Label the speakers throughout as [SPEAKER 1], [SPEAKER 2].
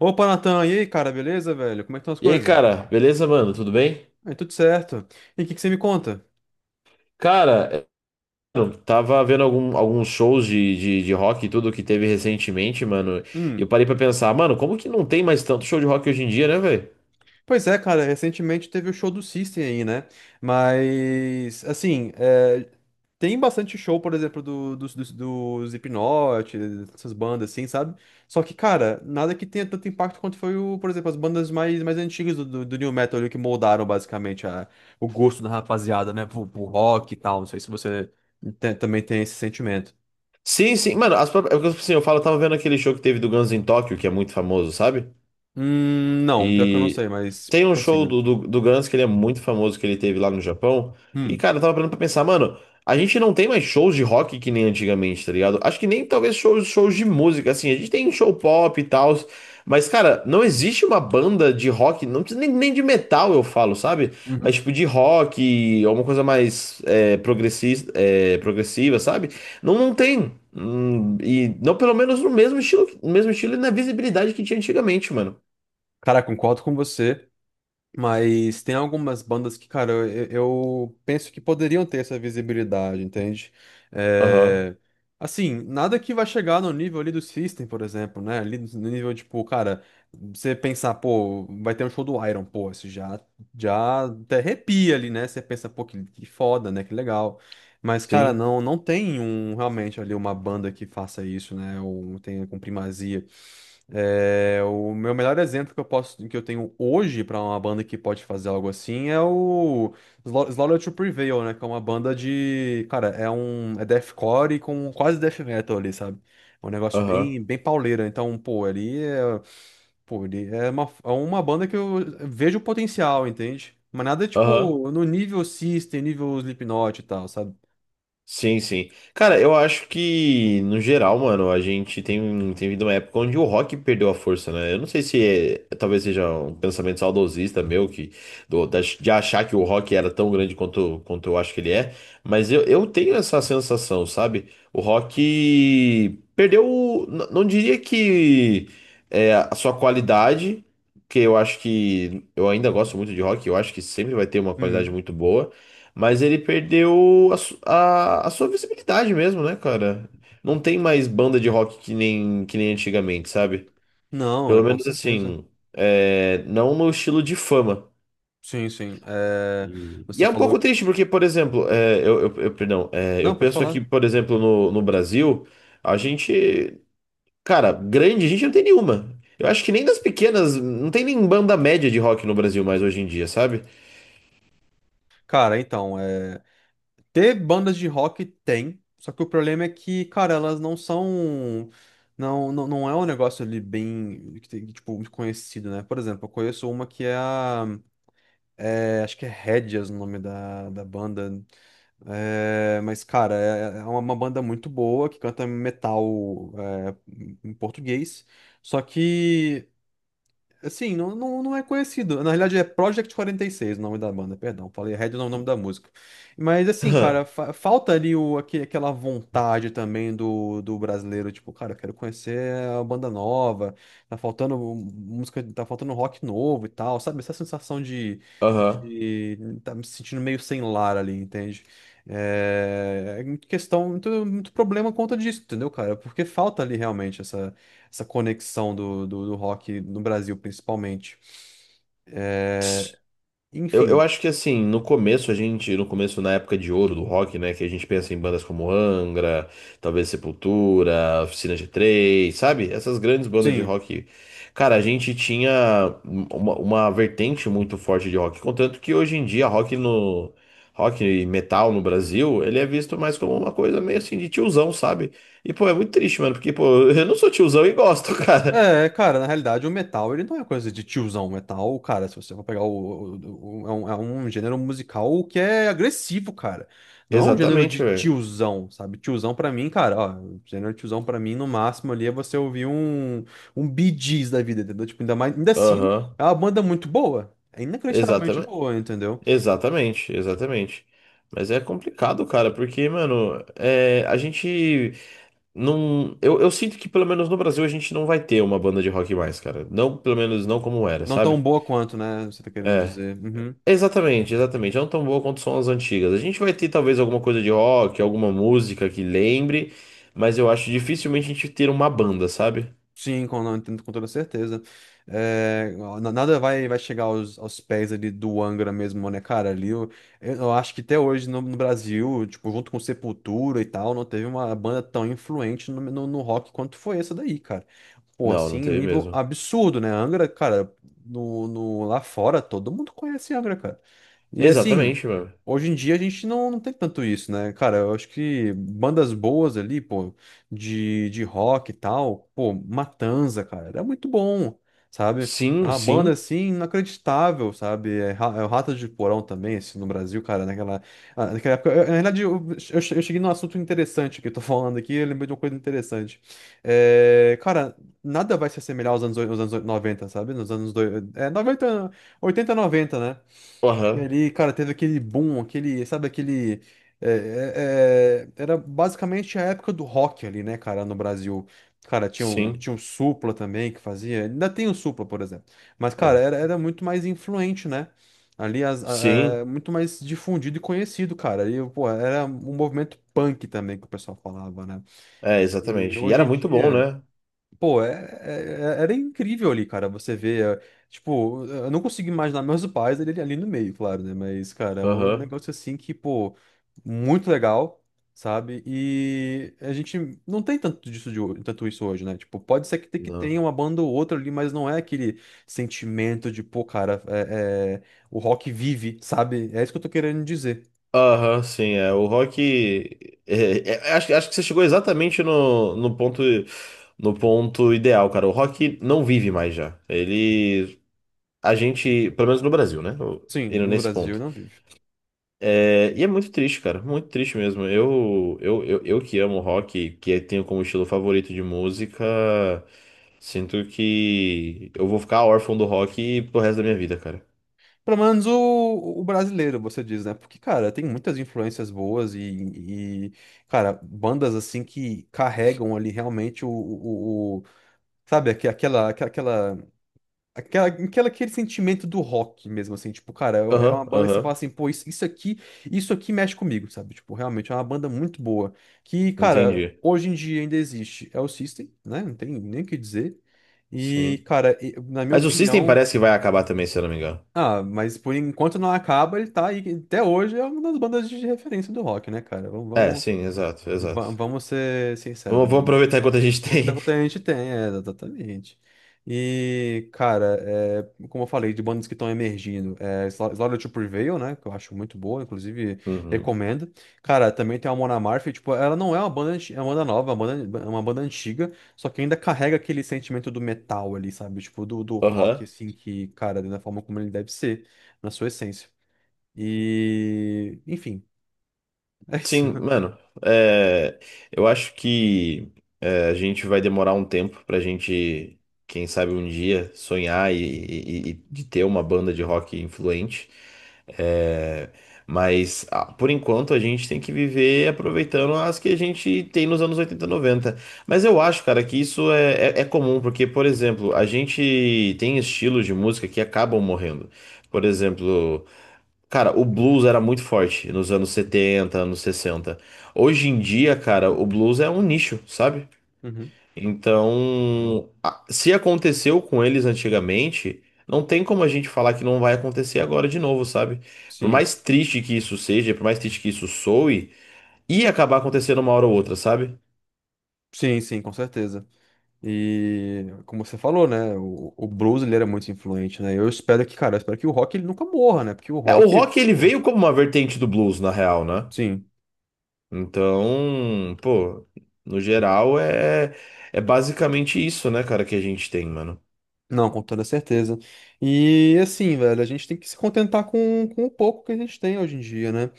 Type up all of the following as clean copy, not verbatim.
[SPEAKER 1] Opa, Natan, e aí, cara, beleza, velho? Como é que estão as
[SPEAKER 2] E aí,
[SPEAKER 1] coisas?
[SPEAKER 2] cara, beleza, mano? Tudo bem?
[SPEAKER 1] Aí, tudo certo. E o que que você me conta?
[SPEAKER 2] Cara, eu tava vendo alguns shows de rock e tudo que teve recentemente, mano. E eu
[SPEAKER 1] Hum.
[SPEAKER 2] parei pra pensar, mano, como que não tem mais tanto show de rock hoje em dia, né, velho?
[SPEAKER 1] Pois é, cara, recentemente teve o show do System aí, né? Mas, assim, tem bastante show, por exemplo, dos Slipknot, essas bandas assim, sabe? Só que, cara, nada que tenha tanto impacto quanto foi, o, por exemplo, as bandas mais antigas do New Metal ali, que moldaram basicamente a, o gosto da rapaziada, né? Pro rock e tal. Não sei se você também tem esse sentimento.
[SPEAKER 2] Sim, sim, mano, as próprias, assim, eu falo, eu tava vendo aquele show que teve do Guns em Tóquio, que é muito famoso, sabe?
[SPEAKER 1] Não, pior que eu não
[SPEAKER 2] E
[SPEAKER 1] sei, mas
[SPEAKER 2] tem um show
[SPEAKER 1] prossiga.
[SPEAKER 2] do Guns que ele é muito famoso, que ele teve lá no Japão. E,
[SPEAKER 1] Hum.
[SPEAKER 2] cara, eu tava parando pra pensar, mano, a gente não tem mais shows de rock que nem antigamente, tá ligado? Acho que nem talvez shows de música, assim, a gente tem show pop e tal. Mas, cara, não existe uma banda de rock, não precisa nem de metal, eu falo, sabe? Mas,
[SPEAKER 1] Uhum.
[SPEAKER 2] tipo, de rock, alguma coisa mais é, progressista, é, progressiva, sabe? Não tem. E não, pelo menos no mesmo estilo, no mesmo estilo e na visibilidade que tinha antigamente, mano.
[SPEAKER 1] Cara, concordo com você. Mas tem algumas bandas que, cara, eu penso que poderiam ter essa visibilidade, entende?
[SPEAKER 2] Aham.
[SPEAKER 1] É, Assim, nada que vai chegar no nível ali do System, por exemplo, né? Ali no nível, tipo, cara, você pensar, pô, vai ter um show do Iron, pô, já até arrepia ali, né? Você pensa, pô, que foda, né? Que legal. Mas, cara,
[SPEAKER 2] Sim,
[SPEAKER 1] não tem um, realmente ali uma banda que faça isso, né? Ou tenha com primazia. É, o meu melhor exemplo que eu posso, que eu tenho hoje pra uma banda que pode fazer algo assim é o Slaughter to Prevail, né? Que é uma banda de, cara, é deathcore com quase death metal ali, sabe? É um negócio
[SPEAKER 2] aham,
[SPEAKER 1] bem pauleira. Então, pô, pô, ali é uma banda que eu vejo o potencial, entende? Mas nada
[SPEAKER 2] aham,
[SPEAKER 1] tipo no nível System, nível Slipknot e tal, sabe?
[SPEAKER 2] sim, sim. Cara, eu acho que, no geral, mano, a gente tem, um, tem vindo uma época onde o rock perdeu a força, né? Eu não sei se talvez seja um pensamento saudosista meu, que, de achar que o rock era tão grande quanto, quanto eu acho que ele é, mas eu tenho essa sensação, sabe? O rock perdeu, não diria que é, a sua qualidade, porque eu acho que, eu ainda gosto muito de rock, eu acho que sempre vai ter uma qualidade
[SPEAKER 1] Uhum.
[SPEAKER 2] muito boa, mas ele perdeu a, a sua visibilidade mesmo, né, cara? Não tem mais banda de rock que nem antigamente, sabe?
[SPEAKER 1] Não, é
[SPEAKER 2] Pelo
[SPEAKER 1] com
[SPEAKER 2] menos
[SPEAKER 1] certeza.
[SPEAKER 2] assim, é, não no estilo de fama.
[SPEAKER 1] Sim, sim. É,
[SPEAKER 2] E
[SPEAKER 1] você
[SPEAKER 2] é um pouco
[SPEAKER 1] falou.
[SPEAKER 2] triste, porque, por exemplo, é, eu, perdão, é, eu
[SPEAKER 1] Não, pode
[SPEAKER 2] penso aqui,
[SPEAKER 1] falar.
[SPEAKER 2] por exemplo, no, no Brasil, a gente, cara, grande, a gente não tem nenhuma. Eu acho que nem das pequenas, não tem nem banda média de rock no Brasil mais hoje em dia, sabe?
[SPEAKER 1] Cara, então, é... ter bandas de rock tem, só que o problema é que, cara, elas não são. Não é um negócio ali bem, que tipo, muito conhecido, né? Por exemplo, eu conheço uma que é a. É, acho que é Hedges o nome da banda. É, mas, cara, é uma banda muito boa que canta metal em português. Só que. Assim, não é conhecido. Na realidade, é Project 46 o nome da banda, perdão. Falei Red não é o nome da música. Mas assim, cara, falta ali o, aquela vontade também do brasileiro. Tipo, cara, eu quero conhecer a banda nova. Tá faltando música, tá faltando rock novo e tal, sabe? Essa sensação
[SPEAKER 2] Aham.
[SPEAKER 1] de tá me sentindo meio sem lar ali, entende? É, é muito questão, muito problema conta disso, entendeu, cara? Porque falta ali realmente essa conexão do rock no Brasil, principalmente. É,
[SPEAKER 2] Eu
[SPEAKER 1] enfim,
[SPEAKER 2] acho que assim, no começo a gente, no começo na época de ouro do rock, né, que a gente pensa em bandas como Angra, talvez Sepultura, Oficina g Três sabe? Essas grandes bandas de
[SPEAKER 1] sim.
[SPEAKER 2] rock. Cara, a gente tinha uma vertente muito forte de rock, contanto que hoje em dia rock e metal no Brasil, ele é visto mais como uma coisa meio assim de tiozão, sabe? E pô, é muito triste, mano, porque pô, eu não sou tiozão e gosto, cara.
[SPEAKER 1] É, cara, na realidade o metal, ele não é coisa de tiozão. O metal, cara, se você for pegar o, é um gênero musical que é agressivo, cara. Não é um gênero de
[SPEAKER 2] Exatamente, velho.
[SPEAKER 1] tiozão, sabe? Tiozão pra mim, cara, ó, gênero de tiozão pra mim, no máximo ali é você ouvir um, um Bee Gees da vida, entendeu? Tipo, ainda mais, ainda assim,
[SPEAKER 2] Aham.
[SPEAKER 1] é uma banda muito boa. É inacreditavelmente
[SPEAKER 2] Exatamente.
[SPEAKER 1] boa, entendeu?
[SPEAKER 2] Exatamente. Mas é complicado, cara, porque, mano, é, a gente não. Eu sinto que pelo menos no Brasil a gente não vai ter uma banda de rock mais, cara. Não, pelo menos não como era,
[SPEAKER 1] Não tão
[SPEAKER 2] sabe?
[SPEAKER 1] boa quanto, né? Você tá querendo
[SPEAKER 2] É.
[SPEAKER 1] dizer. Uhum.
[SPEAKER 2] Exatamente. Não tão boa quanto são as antigas. A gente vai ter talvez alguma coisa de rock, alguma música que lembre, mas eu acho dificilmente a gente ter uma banda, sabe?
[SPEAKER 1] Sim, com, não, entendo com toda certeza. É, nada vai, vai chegar aos, aos pés ali do Angra mesmo, né, cara? Ali, eu acho que até hoje no, no Brasil, tipo, junto com Sepultura e tal, não teve uma banda tão influente no rock quanto foi essa daí, cara. Pô,
[SPEAKER 2] Não, não
[SPEAKER 1] assim,
[SPEAKER 2] teve
[SPEAKER 1] nível
[SPEAKER 2] mesmo.
[SPEAKER 1] absurdo, né? Angra, cara, no, no, lá fora, todo mundo conhece Angra, cara. E assim,
[SPEAKER 2] Exatamente, mano.
[SPEAKER 1] hoje em dia a gente não tem tanto isso, né? Cara, eu acho que bandas boas ali, pô. De rock e tal, pô, Matanza, cara, era muito bom, sabe? É
[SPEAKER 2] Sim,
[SPEAKER 1] uma banda
[SPEAKER 2] sim.
[SPEAKER 1] assim inacreditável, sabe? É, é o Ratos de Porão também, assim, no Brasil, cara, naquela, ah, naquela época. Na verdade, eu cheguei num assunto interessante que eu tô falando aqui, eu lembrei de uma coisa interessante. É, cara, nada vai se assemelhar aos anos, aos anos 90 sabe? É, 90 80 90 né?
[SPEAKER 2] Aham,
[SPEAKER 1] Ele, cara, teve aquele boom, aquele, sabe, aquele. é, é, era basicamente a época do rock ali, né, cara, no Brasil. Cara,
[SPEAKER 2] sim.
[SPEAKER 1] tinha o Supla também que fazia. Ainda tem o Supla, por exemplo. Mas, cara,
[SPEAKER 2] É.
[SPEAKER 1] era muito mais influente, né? Ali,
[SPEAKER 2] Sim.
[SPEAKER 1] muito mais difundido e conhecido, cara. E, pô, era um movimento punk também que o pessoal falava, né?
[SPEAKER 2] É,
[SPEAKER 1] E
[SPEAKER 2] exatamente. E
[SPEAKER 1] hoje
[SPEAKER 2] era
[SPEAKER 1] em
[SPEAKER 2] muito bom,
[SPEAKER 1] dia.
[SPEAKER 2] né?
[SPEAKER 1] Pô, era incrível ali, cara. Você vê, é, tipo, eu não consigo imaginar meus pais ali, ali no meio, claro, né? Mas, cara, é um
[SPEAKER 2] Aham.
[SPEAKER 1] negócio assim que, pô, muito legal, sabe? E a gente não tem tanto disso de, tanto isso hoje, né? Tipo, pode ser que, que tenha
[SPEAKER 2] Não.
[SPEAKER 1] uma banda ou outra ali, mas não é aquele sentimento de, pô, cara, é, o rock vive, sabe? É isso que eu tô querendo dizer.
[SPEAKER 2] Aham, sim, é. O rock. É, é, é, acho, acho que você chegou exatamente no, no ponto, no ponto ideal, cara. O rock não vive mais já. Ele. A gente, pelo menos no Brasil, né? O-
[SPEAKER 1] Sim,
[SPEAKER 2] indo
[SPEAKER 1] no
[SPEAKER 2] nesse
[SPEAKER 1] Brasil
[SPEAKER 2] ponto.
[SPEAKER 1] não vive.
[SPEAKER 2] É, e é muito triste, cara. Muito triste mesmo. Eu que amo rock, que é, tenho como estilo favorito de música, sinto que eu vou ficar órfão do rock pro resto da minha vida, cara.
[SPEAKER 1] Pelo menos o brasileiro, você diz, né? Porque, cara, tem muitas influências boas e, cara, bandas assim que carregam ali realmente o, o- sabe, aquela- aquele sentimento do rock mesmo, assim, tipo, cara, é é uma
[SPEAKER 2] Aham,
[SPEAKER 1] banda que você fala
[SPEAKER 2] aham.
[SPEAKER 1] assim, pô, isso aqui mexe comigo, sabe? Tipo, realmente é uma banda muito boa, que, cara,
[SPEAKER 2] Entendi.
[SPEAKER 1] hoje em dia ainda existe. É o System, né? Não tem nem o que dizer. E,
[SPEAKER 2] Sim.
[SPEAKER 1] cara, na minha
[SPEAKER 2] Mas o System
[SPEAKER 1] opinião,
[SPEAKER 2] parece que vai acabar também, se eu não me engano.
[SPEAKER 1] ah, mas por enquanto não acaba, ele tá aí. Até hoje é uma das bandas de referência do rock, né, cara?
[SPEAKER 2] É, sim, exato, exato.
[SPEAKER 1] Vamos ser
[SPEAKER 2] Vamos,
[SPEAKER 1] sinceros,
[SPEAKER 2] vamos
[SPEAKER 1] né?
[SPEAKER 2] aproveitar enquanto a gente tem.
[SPEAKER 1] Aproveitar que a gente tem, é, exatamente. E, cara, é, como eu falei, de bandas que estão emergindo, é Slaughter to Prevail, né? Que eu acho muito boa, inclusive
[SPEAKER 2] Uhum.
[SPEAKER 1] recomendo. Cara, também tem a Mona Amalfi, tipo, ela não é uma banda, é uma banda nova, é uma banda antiga, só que ainda carrega aquele sentimento do metal ali, sabe? Tipo, do rock,
[SPEAKER 2] Aham.
[SPEAKER 1] assim, que, cara, da forma como ele deve ser, na sua essência. E, enfim, é isso.
[SPEAKER 2] Sim, mano, é, eu acho que é, a gente vai demorar um tempo pra gente, quem sabe um dia, sonhar e de ter uma banda de rock influente. É, mas ah, por enquanto a gente tem que viver aproveitando as que a gente tem nos anos 80, 90. Mas eu acho, cara, que isso é, é é comum, porque, por exemplo, a gente tem estilos de música que acabam morrendo. Por exemplo. Cara, o blues era muito forte nos anos 70, anos 60. Hoje em dia, cara, o blues é um nicho, sabe?
[SPEAKER 1] Uhum.
[SPEAKER 2] Então, se aconteceu com eles antigamente, não tem como a gente falar que não vai acontecer agora de novo, sabe? Por
[SPEAKER 1] Sim,
[SPEAKER 2] mais triste que isso seja, por mais triste que isso soe, ia acabar acontecendo uma hora ou outra, sabe?
[SPEAKER 1] sim, com certeza. E como você falou, né? O blues ele era muito influente, né? Eu espero que, cara, eu espero que o rock ele nunca morra, né? Porque o
[SPEAKER 2] É, o
[SPEAKER 1] rock,
[SPEAKER 2] rock ele
[SPEAKER 1] pô,
[SPEAKER 2] veio como uma vertente do blues, na real, né?
[SPEAKER 1] sim,
[SPEAKER 2] Então, pô, no geral é, é basicamente isso, né, cara, que a gente tem, mano.
[SPEAKER 1] não, com toda certeza. E assim, velho, a gente tem que se contentar com o pouco que a gente tem hoje em dia, né?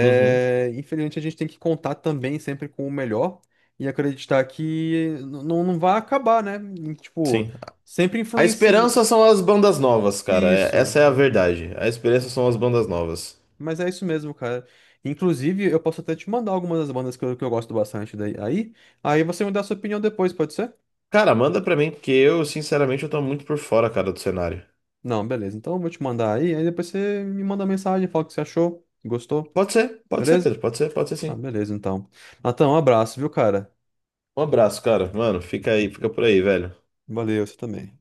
[SPEAKER 2] Uhum.
[SPEAKER 1] infelizmente a gente tem que contar também sempre com o melhor e acreditar que não, não vai acabar, né? E, tipo,
[SPEAKER 2] Sim.
[SPEAKER 1] sempre
[SPEAKER 2] A
[SPEAKER 1] influencia
[SPEAKER 2] esperança são as bandas novas, cara. É-
[SPEAKER 1] isso.
[SPEAKER 2] essa é a verdade. A esperança são as bandas novas.
[SPEAKER 1] Mas é isso mesmo, cara. Inclusive, eu posso até te mandar algumas das bandas que eu gosto bastante daí. Aí você me dá a sua opinião depois, pode ser?
[SPEAKER 2] Cara, manda pra mim, porque eu, sinceramente, eu tô muito por fora, cara, do cenário.
[SPEAKER 1] Não, beleza. Então eu vou te mandar aí, aí depois você me manda mensagem, fala o que você achou, gostou,
[SPEAKER 2] Pode ser,
[SPEAKER 1] beleza?
[SPEAKER 2] Pedro, pode ser
[SPEAKER 1] Ah,
[SPEAKER 2] sim.
[SPEAKER 1] beleza, então. Natan, um abraço, viu, cara?
[SPEAKER 2] Um abraço, cara. Mano, fica aí, fica por aí, velho.
[SPEAKER 1] Valeu, você também.